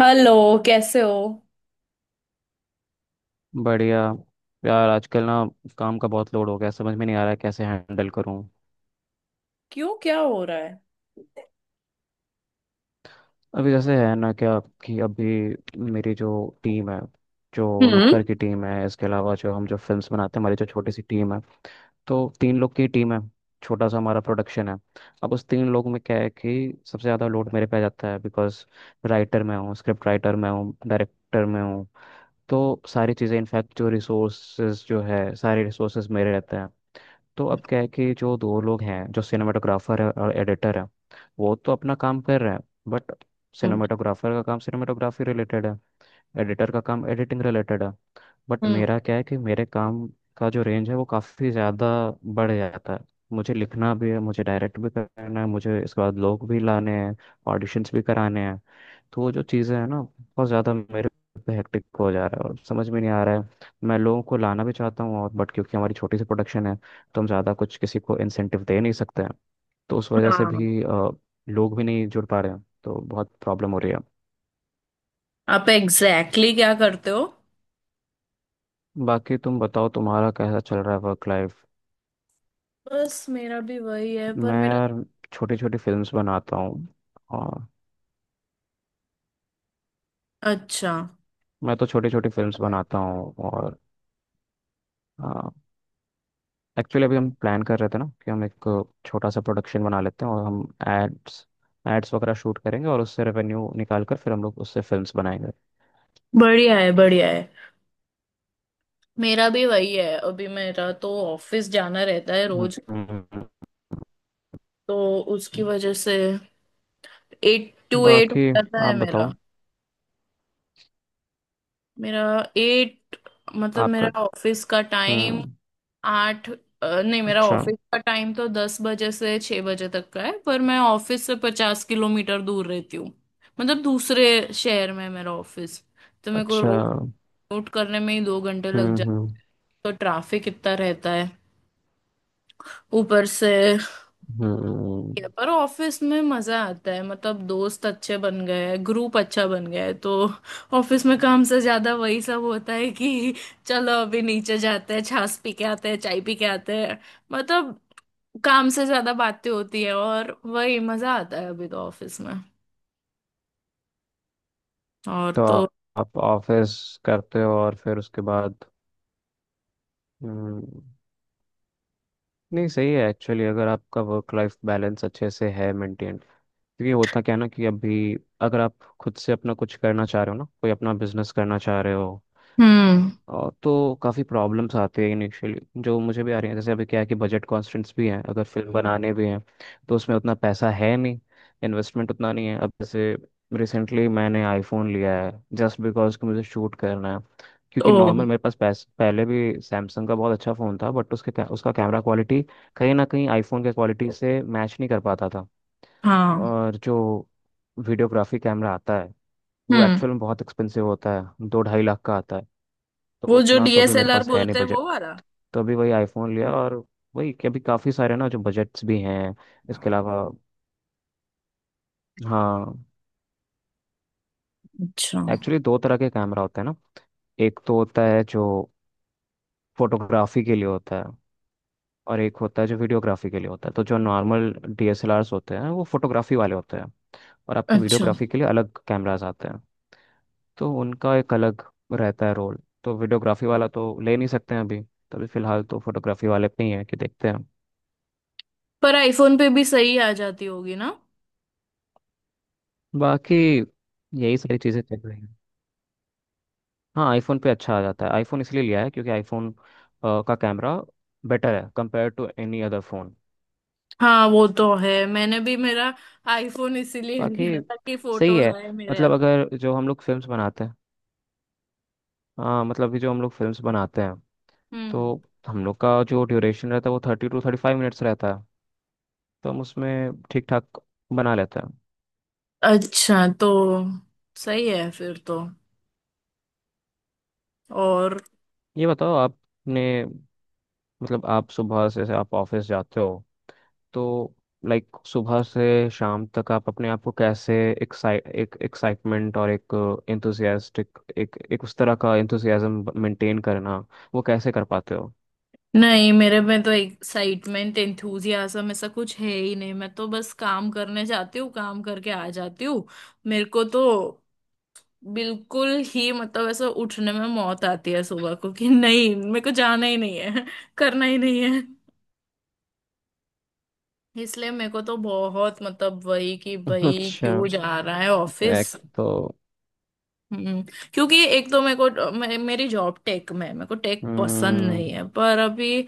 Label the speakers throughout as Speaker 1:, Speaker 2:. Speaker 1: Hello. कैसे हो?
Speaker 2: बढ़िया। यार, आजकल ना काम का बहुत लोड हो गया, समझ में नहीं आ रहा है कैसे हैंडल करूँ।
Speaker 1: क्यों, क्या हो रहा है?
Speaker 2: अभी जैसे है ना क्या, कि अभी मेरी जो टीम है, जो
Speaker 1: हम्म।
Speaker 2: नुक्कड़ की टीम है, इसके अलावा जो फिल्म्स बनाते हैं, हमारी जो छोटी सी टीम है, तो तीन लोग की टीम है। छोटा सा हमारा प्रोडक्शन है। अब उस तीन लोग में क्या है कि सबसे ज़्यादा लोड मेरे पे आ जाता है, बिकॉज राइटर मैं हूँ, स्क्रिप्ट राइटर मैं हूँ, डायरेक्टर मैं हूँ। तो सारी चीज़ें इनफैक्ट जो रिसोर्सेज जो है सारे रिसोर्सेज मेरे रहते हैं। तो अब क्या है कि जो दो लोग हैं, जो सिनेमाटोग्राफर है और एडिटर है, वो तो अपना काम कर रहे हैं। But
Speaker 1: hmm.
Speaker 2: सिनेमाटोग्राफर का काम सिनेमाटोग्राफी रिलेटेड है, एडिटर का काम एडिटिंग रिलेटेड है। बट
Speaker 1: हम्म,
Speaker 2: मेरा क्या है कि मेरे काम का जो रेंज है वो काफ़ी ज़्यादा बढ़ जाता है। मुझे लिखना भी है, मुझे डायरेक्ट भी करना है, मुझे इसके बाद लोग भी लाने हैं, ऑडिशंस भी कराने हैं। तो वो जो चीज़ें हैं ना, बहुत ज़्यादा मेरे पे हेक्टिक हो जा रहा है, और समझ में नहीं आ रहा है। मैं लोगों को लाना भी चाहता हूँ और बट क्योंकि हमारी छोटी सी प्रोडक्शन है, तो हम ज़्यादा कुछ किसी को इंसेंटिव दे नहीं सकते हैं। तो उस वजह से
Speaker 1: हाँ।
Speaker 2: भी लोग भी नहीं जुड़ पा रहे हैं, तो बहुत प्रॉब्लम हो रही है।
Speaker 1: आप एग्जैक्टली exactly क्या करते हो?
Speaker 2: बाकी तुम बताओ, तुम्हारा कैसा चल रहा है वर्क लाइफ।
Speaker 1: बस, मेरा भी वही है पर
Speaker 2: मैं
Speaker 1: मेरा।
Speaker 2: यार छोटी छोटी फिल्म्स बनाता हूँ, और
Speaker 1: अच्छा।
Speaker 2: मैं तो छोटी छोटी फिल्म्स बनाता हूँ और एक्चुअली अभी हम प्लान कर रहे थे ना कि हम एक छोटा सा प्रोडक्शन बना लेते हैं, और हम एड्स एड्स वगैरह शूट करेंगे और उससे रेवेन्यू निकाल कर फिर हम लोग उससे फिल्म्स बनाएंगे।
Speaker 1: बढ़िया है, बढ़िया है। मेरा भी वही है, अभी मेरा तो ऑफिस जाना रहता है रोज।
Speaker 2: हम्म।
Speaker 1: तो उसकी वजह से 8 to 8 हो
Speaker 2: बाकी
Speaker 1: जाता
Speaker 2: आप
Speaker 1: है मेरा।
Speaker 2: बताओ।
Speaker 1: मेरा एट, मतलब
Speaker 2: आपका
Speaker 1: मेरा ऑफिस का टाइम
Speaker 2: हम्म।
Speaker 1: 8 नहीं, मेरा
Speaker 2: अच्छा।
Speaker 1: ऑफिस का टाइम तो 10 बजे से 6 बजे तक का है पर मैं ऑफिस से 50 किलोमीटर दूर रहती हूँ। मतलब दूसरे शहर में है मेरा ऑफिस। तो मेरे को
Speaker 2: अच्छा।
Speaker 1: Road
Speaker 2: hmm.
Speaker 1: रोड करने में ही 2 घंटे लग जाते
Speaker 2: हम्म।
Speaker 1: हैं। तो ट्रैफिक इतना रहता है ऊपर से।
Speaker 2: हम्म।
Speaker 1: या पर ऑफिस में मजा आता है, मतलब दोस्त अच्छे बन गए हैं, ग्रुप अच्छा बन गया है। तो ऑफिस में काम से ज्यादा वही सब होता है कि चलो अभी नीचे जाते हैं, छाछ पी के आते हैं, चाय पी के आते हैं। मतलब काम से ज्यादा बातें होती है और वही मजा आता है अभी तो ऑफिस में। और
Speaker 2: तो
Speaker 1: तो।
Speaker 2: आप ऑफिस करते हो और फिर उसके बाद। हम्म। नहीं, सही है एक्चुअली अगर आपका वर्क लाइफ बैलेंस अच्छे से है मेंटेन, क्योंकि होता क्या है ना कि अभी अगर आप खुद से अपना कुछ करना चाह रहे हो ना, कोई अपना बिजनेस करना चाह रहे हो
Speaker 1: हम्म।
Speaker 2: और तो काफ़ी प्रॉब्लम्स आते हैं इनिशियली, जो मुझे भी आ रही हैं। जैसे अभी क्या है कि बजट कॉन्स्टेंट्स भी हैं, अगर फिल्म बनाने भी हैं तो उसमें उतना पैसा है नहीं, इन्वेस्टमेंट उतना नहीं है। अब जैसे रिसेंटली मैंने आईफोन लिया है, जस्ट बिकॉज कि मुझे शूट करना है,
Speaker 1: ओ।
Speaker 2: क्योंकि नॉर्मल मेरे पास पहले भी सैमसंग का बहुत अच्छा फ़ोन था, बट उसके उसका कैमरा क्वालिटी कहीं ना कहीं आईफोन के क्वालिटी से मैच नहीं कर पाता था।
Speaker 1: हाँ।
Speaker 2: और जो वीडियोग्राफी कैमरा आता है वो
Speaker 1: हम्म।
Speaker 2: एक्चुअल में बहुत एक्सपेंसिव होता है, 2-2.5 लाख का आता है। तो
Speaker 1: वो जो
Speaker 2: उतना तो अभी मेरे
Speaker 1: डीएसएलआर
Speaker 2: पास है नहीं
Speaker 1: बोलते हैं
Speaker 2: बजट।
Speaker 1: वो वाला।
Speaker 2: तो अभी वही आईफोन लिया, और वही कि अभी काफ़ी सारे ना जो बजट्स भी हैं इसके अलावा। हाँ,
Speaker 1: अच्छा।
Speaker 2: एक्चुअली दो तरह के कैमरा होते हैं ना। एक तो होता है जो फोटोग्राफी के लिए होता है, और एक होता है जो वीडियोग्राफी के लिए होता है। तो जो नॉर्मल डीएसएलआरस होते हैं वो फोटोग्राफी वाले होते हैं, और आपको
Speaker 1: अच्छा,
Speaker 2: वीडियोग्राफी के लिए अलग कैमराज आते हैं। तो उनका एक अलग रहता है रोल। तो वीडियोग्राफी वाला तो ले नहीं सकते हैं अभी, तो अभी फिलहाल तो फोटोग्राफी वाले पे ही है कि देखते हैं।
Speaker 1: पर आईफोन पे भी सही आ जाती होगी ना?
Speaker 2: बाकी यही सारी चीज़ें चल रही हैं। हाँ, आईफोन पे अच्छा आ जाता है, आईफोन इसलिए लिया है क्योंकि आईफोन का कैमरा बेटर है compare to any other phone.
Speaker 1: हाँ वो तो है, मैंने भी मेरा आईफोन इसीलिए
Speaker 2: बाकी
Speaker 1: लिया था कि
Speaker 2: सही
Speaker 1: फोटोज
Speaker 2: है।
Speaker 1: आए मेरे हाथ।
Speaker 2: मतलब अगर जो हम लोग फिल्म्स बनाते हैं, हाँ, मतलब कि जो हम लोग फिल्म्स बनाते हैं,
Speaker 1: हम्म।
Speaker 2: तो हम लोग का जो ड्यूरेशन रहता है वो 30-35 मिनट्स रहता है। तो हम उसमें ठीक ठाक बना लेते हैं।
Speaker 1: अच्छा, तो सही है फिर तो। और।
Speaker 2: ये बताओ आपने, मतलब आप सुबह से आप ऑफिस जाते हो, तो लाइक सुबह से शाम तक आप अपने आप को कैसे एक्साइट एक एक्साइटमेंट और एक एंथुसियास्टिक, एक एक उस तरह का एंथुसियाज्म मेंटेन करना, वो कैसे कर पाते हो।
Speaker 1: नहीं, मेरे में तो एक्साइटमेंट एंथुजियाज्म ऐसा कुछ है ही नहीं। मैं तो बस काम करने जाती हूँ, काम करके आ जाती हूँ। मेरे को तो बिल्कुल ही, मतलब ऐसा उठने में मौत आती है सुबह को कि नहीं मेरे को जाना ही नहीं है करना ही नहीं है। इसलिए मेरे को तो बहुत, मतलब वही कि भाई
Speaker 2: अच्छा।
Speaker 1: क्यों जा रहा है
Speaker 2: एक
Speaker 1: ऑफिस।
Speaker 2: तो
Speaker 1: हम्म। क्योंकि एक तो मेरे को मेरी जॉब टेक में है, मेरे को टेक पसंद
Speaker 2: हम्म।
Speaker 1: नहीं है पर अभी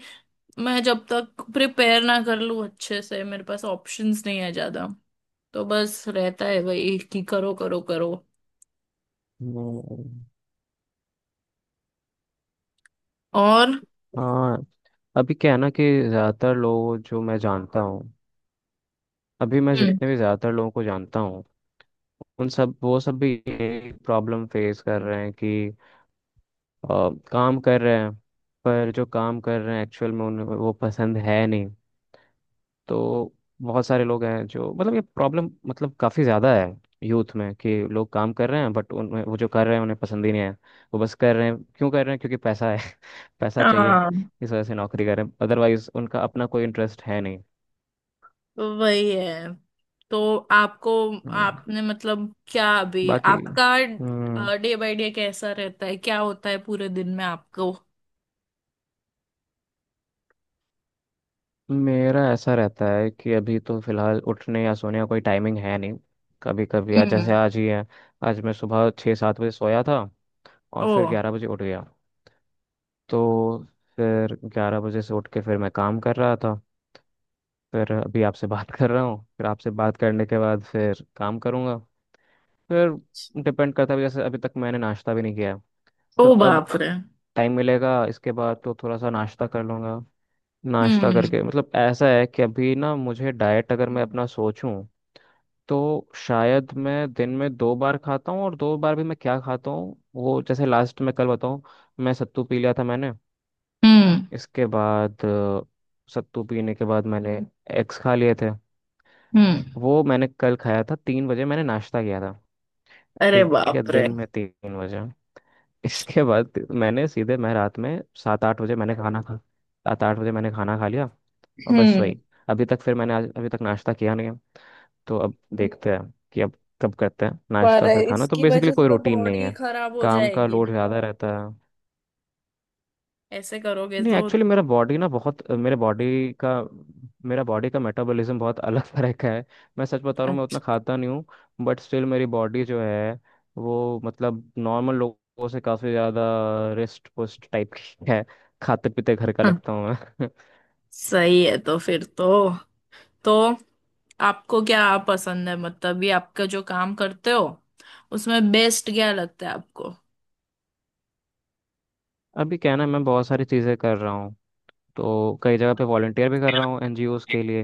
Speaker 1: मैं जब तक प्रिपेयर ना कर लूँ अच्छे से मेरे पास ऑप्शंस नहीं है ज्यादा। तो बस रहता है वही कि करो करो करो।
Speaker 2: हम्म।
Speaker 1: और।
Speaker 2: हाँ। अभी क्या है ना कि ज़्यादातर लोग जो मैं जानता हूँ, अभी मैं
Speaker 1: हम्म।
Speaker 2: जितने भी ज़्यादातर लोगों को जानता हूँ, उन सब वो सब भी यही प्रॉब्लम फेस कर रहे हैं कि काम कर रहे हैं पर जो काम कर रहे हैं एक्चुअल में उन्हें वो पसंद है नहीं। तो बहुत सारे लोग हैं जो मतलब ये प्रॉब्लम मतलब काफ़ी ज़्यादा है यूथ में, कि लोग काम कर रहे हैं बट उनमें वो जो कर रहे हैं उन्हें पसंद ही नहीं है। वो बस कर रहे हैं, क्यों कर रहे हैं क्योंकि पैसा है, पैसा चाहिए,
Speaker 1: हाँ।
Speaker 2: इस वजह से नौकरी कर रहे हैं, अदरवाइज उनका अपना कोई इंटरेस्ट है नहीं।
Speaker 1: वही है। तो आपको,
Speaker 2: हम्म।
Speaker 1: आपने, मतलब क्या अभी
Speaker 2: बाकी
Speaker 1: आपका
Speaker 2: हम्म।
Speaker 1: डे बाय डे कैसा रहता है, क्या होता है पूरे दिन में आपको?
Speaker 2: मेरा ऐसा रहता है कि अभी तो फिलहाल उठने या सोने का कोई टाइमिंग है नहीं। कभी कभी, आज जैसे
Speaker 1: हम्म।
Speaker 2: आज ही है, आज मैं सुबह 6-7 बजे सोया था और
Speaker 1: ओ।
Speaker 2: फिर 11 बजे उठ गया। तो फिर 11 बजे से उठ के फिर मैं काम कर रहा था, फिर अभी आपसे बात कर रहा हूँ, फिर आपसे बात करने के बाद फिर काम करूँगा। फिर डिपेंड करता है, जैसे अभी तक मैंने नाश्ता भी नहीं किया है।
Speaker 1: ओ
Speaker 2: तो अब
Speaker 1: बाप रे।
Speaker 2: टाइम मिलेगा इसके बाद तो थोड़ा सा नाश्ता कर लूँगा। नाश्ता
Speaker 1: हम्म।
Speaker 2: करके, मतलब ऐसा है कि अभी ना मुझे डाइट अगर मैं अपना सोचूं, तो शायद मैं दिन में दो बार खाता हूँ, और दो बार भी मैं क्या खाता हूँ वो जैसे लास्ट में कल बताऊँ। मैं सत्तू पी लिया था मैंने,
Speaker 1: हम्म।
Speaker 2: इसके बाद सत्तू पीने के बाद मैंने एग्स खा लिए थे।
Speaker 1: हम्म।
Speaker 2: वो मैंने कल खाया था, 3 बजे मैंने नाश्ता किया था।
Speaker 1: अरे
Speaker 2: ठीक है,
Speaker 1: बाप
Speaker 2: दिन
Speaker 1: रे।
Speaker 2: में 3 बजे। इसके बाद मैंने सीधे मैं रात में 7-8 बजे मैंने खाना खा लिया, और बस
Speaker 1: हम्म।
Speaker 2: वही। अभी तक फिर मैंने आज अभी तक नाश्ता किया नहीं है, तो अब देखते हैं कि अब कब करते हैं
Speaker 1: पर
Speaker 2: नाश्ता फिर खाना, तो
Speaker 1: इसकी
Speaker 2: बेसिकली
Speaker 1: वजह से
Speaker 2: कोई
Speaker 1: तो
Speaker 2: रूटीन नहीं
Speaker 1: बॉडी
Speaker 2: है।
Speaker 1: खराब हो
Speaker 2: काम का
Speaker 1: जाएगी
Speaker 2: लोड
Speaker 1: ना,
Speaker 2: ज़्यादा हाँ रहता है।
Speaker 1: ऐसे करोगे
Speaker 2: नहीं
Speaker 1: तो
Speaker 2: एक्चुअली
Speaker 1: तो।
Speaker 2: का मेरा बॉडी का मेटाबॉलिज्म बहुत अलग तरह का है। मैं सच बता रहा हूँ, मैं उतना
Speaker 1: अच्छा।
Speaker 2: खाता नहीं हूँ। बट स्टिल मेरी बॉडी जो है वो मतलब नॉर्मल लोगों से काफ़ी ज़्यादा रिस्ट पुस्ट टाइप की है, खाते पीते घर का लगता हूँ मैं।
Speaker 1: सही है तो फिर तो। तो आपको क्या पसंद है, मतलब ये आपका जो काम करते हो उसमें बेस्ट क्या लगता है आपको?
Speaker 2: अभी क्या है ना, मैं बहुत सारी चीज़ें कर रहा हूँ, तो कई जगह पे वॉलंटियर भी कर रहा हूँ एनजीओज के लिए,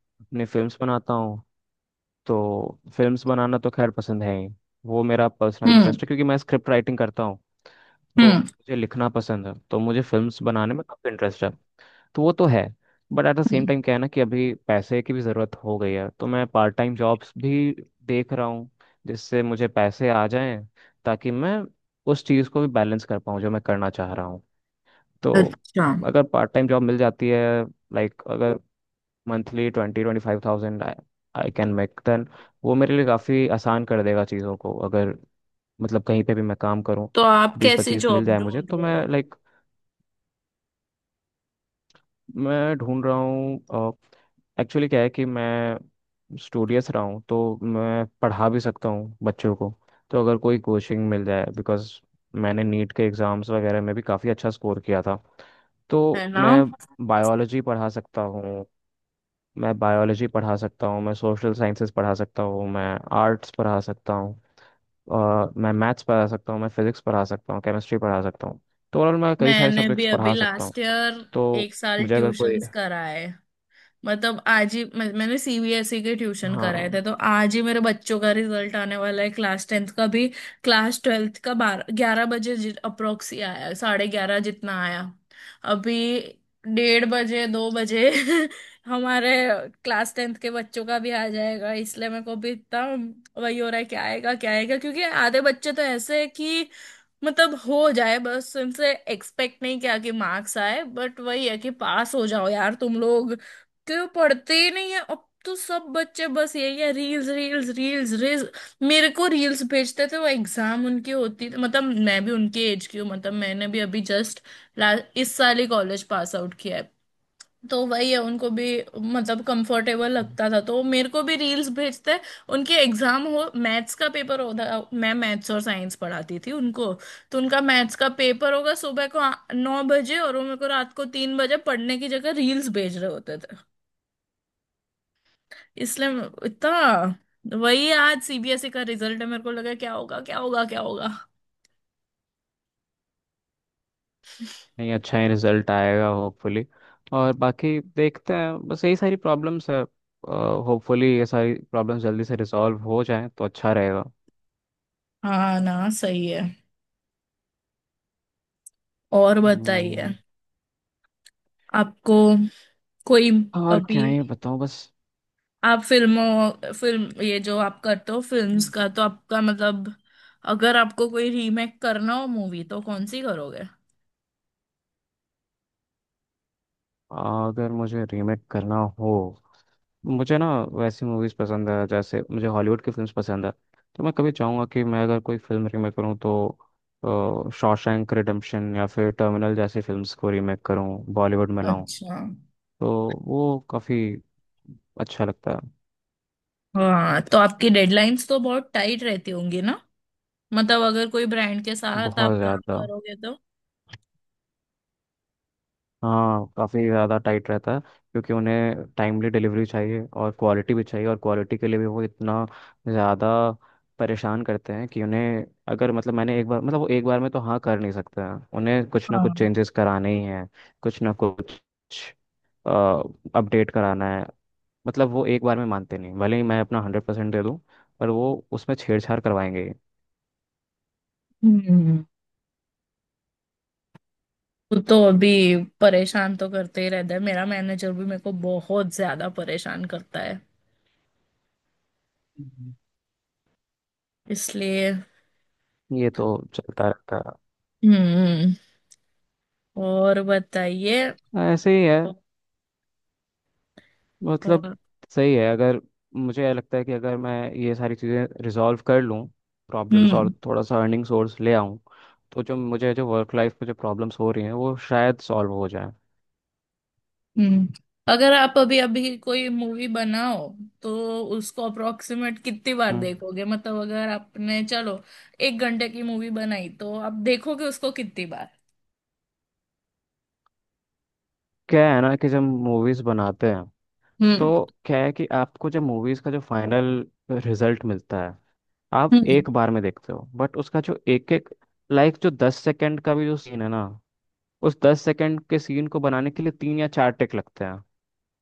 Speaker 2: अपनी फिल्म्स बनाता हूँ। तो फिल्म्स बनाना तो खैर पसंद है ही, वो मेरा पर्सनल
Speaker 1: हम्म।
Speaker 2: इंटरेस्ट है क्योंकि मैं स्क्रिप्ट राइटिंग करता हूँ। तो
Speaker 1: हम्म।
Speaker 2: मुझे लिखना पसंद है, तो मुझे फिल्म्स बनाने में काफ़ी इंटरेस्ट है, तो वो तो है। But at the same
Speaker 1: hmm.
Speaker 2: Time क्या है ना कि अभी पैसे की भी ज़रूरत हो गई है, तो मैं पार्ट टाइम जॉब्स भी देख रहा हूँ, जिससे मुझे पैसे आ जाएं, ताकि मैं उस चीज़ को भी बैलेंस कर पाऊँ जो मैं करना चाह रहा हूँ। तो
Speaker 1: अच्छा,
Speaker 2: अगर पार्ट टाइम जॉब मिल जाती है, लाइक अगर monthly 20-25 thousand I can make then, वो मेरे लिए काफ़ी आसान कर देगा चीज़ों को। अगर मतलब कहीं पे भी मैं काम करूँ,
Speaker 1: तो आप
Speaker 2: बीस
Speaker 1: कैसी
Speaker 2: पच्चीस मिल
Speaker 1: जॉब
Speaker 2: जाए मुझे,
Speaker 1: ढूंढ
Speaker 2: तो
Speaker 1: रहे
Speaker 2: मैं
Speaker 1: हो?
Speaker 2: लाइक मैं ढूंढ रहा हूँ। एक्चुअली क्या है कि मैं स्टूडियस रहा हूँ तो मैं पढ़ा भी सकता हूँ बच्चों को, तो अगर कोई कोचिंग मिल जाए, बिकॉज मैंने नीट के एग्ज़ाम्स वगैरह में भी काफ़ी अच्छा स्कोर किया था। तो
Speaker 1: है ना।
Speaker 2: मैं बायोलॉजी पढ़ा सकता हूँ, मैं सोशल साइंसेस पढ़ा सकता हूँ, मैं आर्ट्स पढ़ा सकता हूँ, मैं मैथ्स पढ़ा सकता हूँ, मैं फिजिक्स पढ़ा सकता हूँ, केमिस्ट्री पढ़ा सकता हूँ। तो ओवरऑल मैं कई सारे
Speaker 1: मैंने भी
Speaker 2: सब्जेक्ट्स
Speaker 1: अभी
Speaker 2: पढ़ा सकता हूँ।
Speaker 1: लास्ट ईयर
Speaker 2: तो
Speaker 1: एक साल
Speaker 2: मुझे अगर कोई,
Speaker 1: ट्यूशंस करा है। मतलब आज ही मैंने सीबीएसई के ट्यूशन कराए थे,
Speaker 2: हाँ।
Speaker 1: तो आज ही मेरे बच्चों का रिजल्ट आने वाला है, क्लास टेंथ का भी। क्लास ट्वेल्थ का 12 11 बजे अप्रोक्स ही आया, 11:30 जितना आया। अभी 1:30 बजे 2 बजे हमारे क्लास टेंथ के बच्चों का भी आ जाएगा, इसलिए मेरे को भी इतना वही हो रहा है क्या आएगा क्या आएगा, क्योंकि आधे बच्चे तो ऐसे है कि मतलब हो जाए बस, उनसे एक्सपेक्ट नहीं किया कि मार्क्स आए बट वही है कि पास हो जाओ यार तुम लोग। कि वो पढ़ते ही नहीं है, अब तो सब बच्चे बस यही है रील्स रील्स रील्स रील्स। मेरे को रील्स भेजते थे वो, एग्जाम उनकी होती थी। मतलब मैं भी उनके एज की हूँ, मतलब मैंने भी अभी जस्ट इस साल ही कॉलेज पास आउट किया है। तो वही है, उनको भी मतलब कंफर्टेबल लगता था तो वो मेरे को भी रील्स भेजते। उनके एग्जाम हो, मैथ्स का पेपर होता, मैं मैथ्स और साइंस पढ़ाती थी उनको। तो उनका मैथ्स का पेपर होगा सुबह को 9 बजे, और वो मेरे को रात को 3 बजे पढ़ने की जगह रील्स भेज रहे होते। इसलिए इतना। वही आज सीबीएसई का रिजल्ट है, मेरे को लगा क्या होगा क्या होगा क्या होगा।
Speaker 2: नहीं, अच्छा ही रिजल्ट आएगा होपफुली, और बाकी देखते हैं, बस यही सारी प्रॉब्लम्स है। होपफुली ये सारी प्रॉब्लम्स जल्दी से रिजॉल्व हो जाए तो अच्छा रहेगा।
Speaker 1: हाँ ना, सही है। और बताइए,
Speaker 2: हम्म।
Speaker 1: आपको कोई
Speaker 2: और
Speaker 1: अभी,
Speaker 2: क्या ही बताऊँ बस।
Speaker 1: आप फिल्मों फिल्म ये जो आप करते हो फिल्म्स
Speaker 2: हम्म।
Speaker 1: का, तो आपका मतलब अगर आपको कोई रीमेक करना हो मूवी तो कौन सी करोगे?
Speaker 2: अगर मुझे रीमेक करना हो, मुझे ना वैसी मूवीज़ पसंद है, जैसे मुझे हॉलीवुड की फिल्म्स पसंद है। तो मैं कभी चाहूँगा कि मैं अगर कोई फिल्म रीमेक करूँ तो शॉशैंक रिडेम्पशन या फिर टर्मिनल जैसी फिल्म्स को रीमेक करूँ, बॉलीवुड में लाऊं।
Speaker 1: अच्छा।
Speaker 2: तो वो काफ़ी अच्छा लगता है।
Speaker 1: हाँ, तो आपकी डेडलाइंस तो बहुत टाइट रहती होंगी ना, मतलब अगर कोई ब्रांड के साथ
Speaker 2: बहुत
Speaker 1: आप काम
Speaker 2: ज़्यादा।
Speaker 1: करोगे तो?
Speaker 2: हाँ, काफ़ी ज़्यादा टाइट रहता है क्योंकि उन्हें टाइमली डिलीवरी चाहिए और क्वालिटी भी चाहिए, और क्वालिटी के लिए भी वो इतना ज़्यादा परेशान करते हैं कि उन्हें अगर मतलब मैंने एक बार मतलब वो एक बार में तो हाँ कर नहीं सकते हैं, उन्हें कुछ ना कुछ
Speaker 1: हाँ।
Speaker 2: चेंजेस कराने ही हैं, कुछ ना कुछ अपडेट कराना है। मतलब वो एक बार में मानते नहीं, भले ही मैं अपना 100% दे दूँ, पर वो उसमें छेड़छाड़ करवाएंगे
Speaker 1: हम्म। वो तो अभी परेशान तो करते ही रहता है, मेरा मैनेजर भी मेरे को बहुत ज्यादा परेशान करता है
Speaker 2: ही।
Speaker 1: इसलिए।
Speaker 2: ये तो चलता रहता
Speaker 1: हम्म। और बताइए।
Speaker 2: है, ऐसे ही है, मतलब
Speaker 1: और।
Speaker 2: सही है। अगर मुझे ये लगता है कि अगर मैं ये सारी चीज़ें रिजॉल्व कर लूँ, प्रॉब्लम्स, और
Speaker 1: हम्म।
Speaker 2: थोड़ा सा अर्निंग सोर्स ले आऊँ, तो जो मुझे, जो वर्क लाइफ में जो प्रॉब्लम्स हो रही हैं वो शायद सॉल्व हो जाए।
Speaker 1: हम्म। अगर आप अभी अभी कोई मूवी बनाओ तो उसको अप्रोक्सीमेट कितनी बार
Speaker 2: हम्म।
Speaker 1: देखोगे, मतलब अगर आपने चलो एक घंटे की मूवी बनाई तो आप देखोगे उसको कितनी बार?
Speaker 2: क्या है ना कि जब मूवीज़ बनाते हैं, तो
Speaker 1: हम्म।
Speaker 2: क्या है कि आपको जब मूवीज़ का जो फाइनल रिजल्ट मिलता है, आप
Speaker 1: हम्म।
Speaker 2: एक बार में देखते हो, बट उसका जो एक एक, लाइक जो 10 सेकेंड का भी जो सीन है ना, उस 10 सेकेंड के सीन को बनाने के लिए तीन या चार टेक लगते हैं।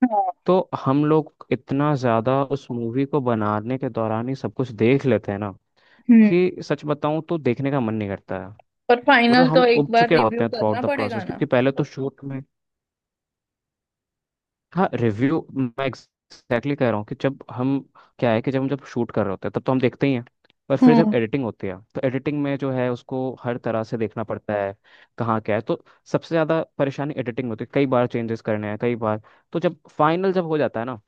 Speaker 1: हाँ,
Speaker 2: तो हम लोग इतना ज्यादा उस मूवी को बनाने के दौरान ही सब कुछ देख लेते हैं ना
Speaker 1: हम्म।
Speaker 2: कि सच बताऊं तो देखने का मन नहीं करता है।
Speaker 1: पर
Speaker 2: मतलब
Speaker 1: फाइनल तो
Speaker 2: हम
Speaker 1: एक
Speaker 2: उब
Speaker 1: बार
Speaker 2: चुके
Speaker 1: रिव्यू
Speaker 2: होते हैं थ्रू आउट
Speaker 1: करना
Speaker 2: द
Speaker 1: पड़ेगा
Speaker 2: प्रोसेस,
Speaker 1: ना?
Speaker 2: क्योंकि पहले तो शूट में, हाँ, रिव्यू, मैं एग्जैक्टली कह रहा हूँ कि जब हम क्या है कि जब शूट कर रहे होते हैं तब तो हम देखते ही हैं, पर फिर जब
Speaker 1: हम्म।
Speaker 2: एडिटिंग होती है तो एडिटिंग में जो है उसको हर तरह से देखना पड़ता है, कहाँ क्या है। तो सबसे ज़्यादा परेशानी एडिटिंग में होती है, कई बार चेंजेस करने हैं कई बार। तो जब फाइनल जब हो जाता है ना,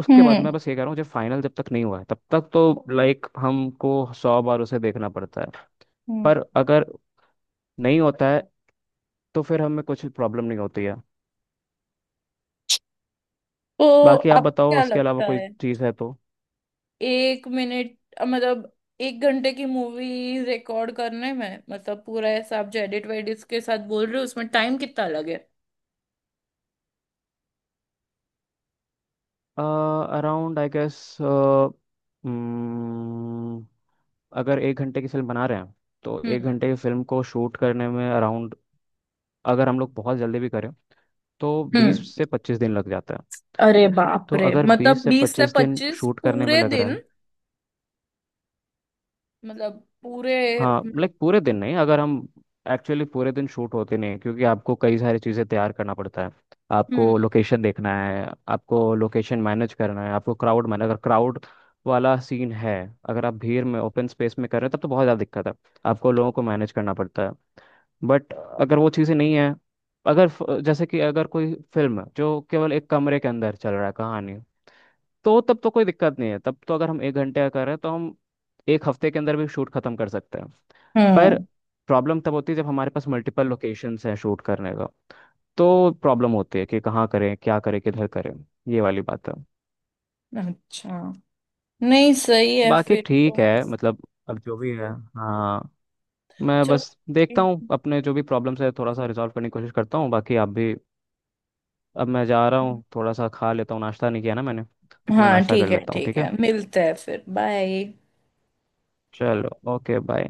Speaker 2: उसके बाद, मैं बस ये कह रहा हूँ, जब फाइनल जब तक नहीं हुआ है तब तक तो लाइक हमको 100 बार उसे देखना पड़ता है।
Speaker 1: हम्म।
Speaker 2: पर अगर नहीं होता है तो फिर हमें कुछ प्रॉब्लम नहीं होती है।
Speaker 1: तो
Speaker 2: बाकी आप
Speaker 1: आपको
Speaker 2: बताओ,
Speaker 1: क्या
Speaker 2: उसके अलावा
Speaker 1: लगता
Speaker 2: कोई
Speaker 1: है?
Speaker 2: चीज़ है तो।
Speaker 1: एक मिनट। मतलब एक घंटे की मूवी रिकॉर्ड करने में, मतलब पूरा ऐसा आप जो एडिट वेडिट के साथ बोल रहे हो, उसमें टाइम कितना लगे?
Speaker 2: अराउंड आई गेस, अगर 1 घंटे की फिल्म बना रहे हैं, तो एक
Speaker 1: हम्म।
Speaker 2: घंटे की फिल्म को शूट करने में अराउंड, अगर हम लोग बहुत जल्दी भी करें, तो बीस
Speaker 1: हम्म।
Speaker 2: से पच्चीस दिन लग जाता है।
Speaker 1: अरे बाप
Speaker 2: तो
Speaker 1: रे,
Speaker 2: अगर
Speaker 1: मतलब
Speaker 2: बीस से
Speaker 1: बीस से
Speaker 2: पच्चीस दिन
Speaker 1: पच्चीस
Speaker 2: शूट करने में
Speaker 1: पूरे
Speaker 2: लग रहा
Speaker 1: दिन।
Speaker 2: है,
Speaker 1: मतलब पूरे।
Speaker 2: हाँ लाइक पूरे दिन नहीं, अगर हम, एक्चुअली पूरे दिन शूट होते नहीं हैं, क्योंकि आपको कई सारी चीज़ें तैयार करना पड़ता है। आपको
Speaker 1: हम्म।
Speaker 2: लोकेशन देखना है, आपको लोकेशन मैनेज करना है, आपको क्राउड मैनेज, अगर क्राउड वाला सीन है, अगर आप भीड़ में ओपन स्पेस में कर रहे हैं तब तो बहुत ज़्यादा दिक्कत है, आपको लोगों को मैनेज करना पड़ता है। बट अगर वो चीज़ें नहीं है, अगर जैसे कि अगर कोई फिल्म जो केवल एक कमरे के अंदर चल रहा है कहानी, तो तब तो कोई दिक्कत नहीं है, तब तो अगर हम 1 घंटे का कर रहे हैं तो हम 1 हफ्ते के अंदर भी शूट खत्म कर सकते हैं। पर
Speaker 1: हम्म।
Speaker 2: प्रॉब्लम तब होती है जब हमारे पास मल्टीपल लोकेशंस हैं शूट करने का, तो प्रॉब्लम होती है कि कहाँ करें, क्या करें, किधर करें, ये वाली बात है।
Speaker 1: अच्छा। नहीं सही है
Speaker 2: बाकी
Speaker 1: फिर तो।
Speaker 2: ठीक है, मतलब, अब जो भी है, हाँ, मैं
Speaker 1: चलो।
Speaker 2: बस देखता हूँ अपने जो भी प्रॉब्लम्स है थोड़ा सा रिजॉल्व करने की कोशिश करता हूँ, बाकी आप भी। अब मैं जा रहा हूँ, थोड़ा सा खा लेता हूँ, नाश्ता नहीं किया ना मैंने, तो मैं
Speaker 1: हाँ
Speaker 2: नाश्ता कर
Speaker 1: ठीक है
Speaker 2: लेता हूँ,
Speaker 1: ठीक
Speaker 2: ठीक है,
Speaker 1: है, मिलते हैं फिर, बाय।
Speaker 2: चलो, ओके बाय।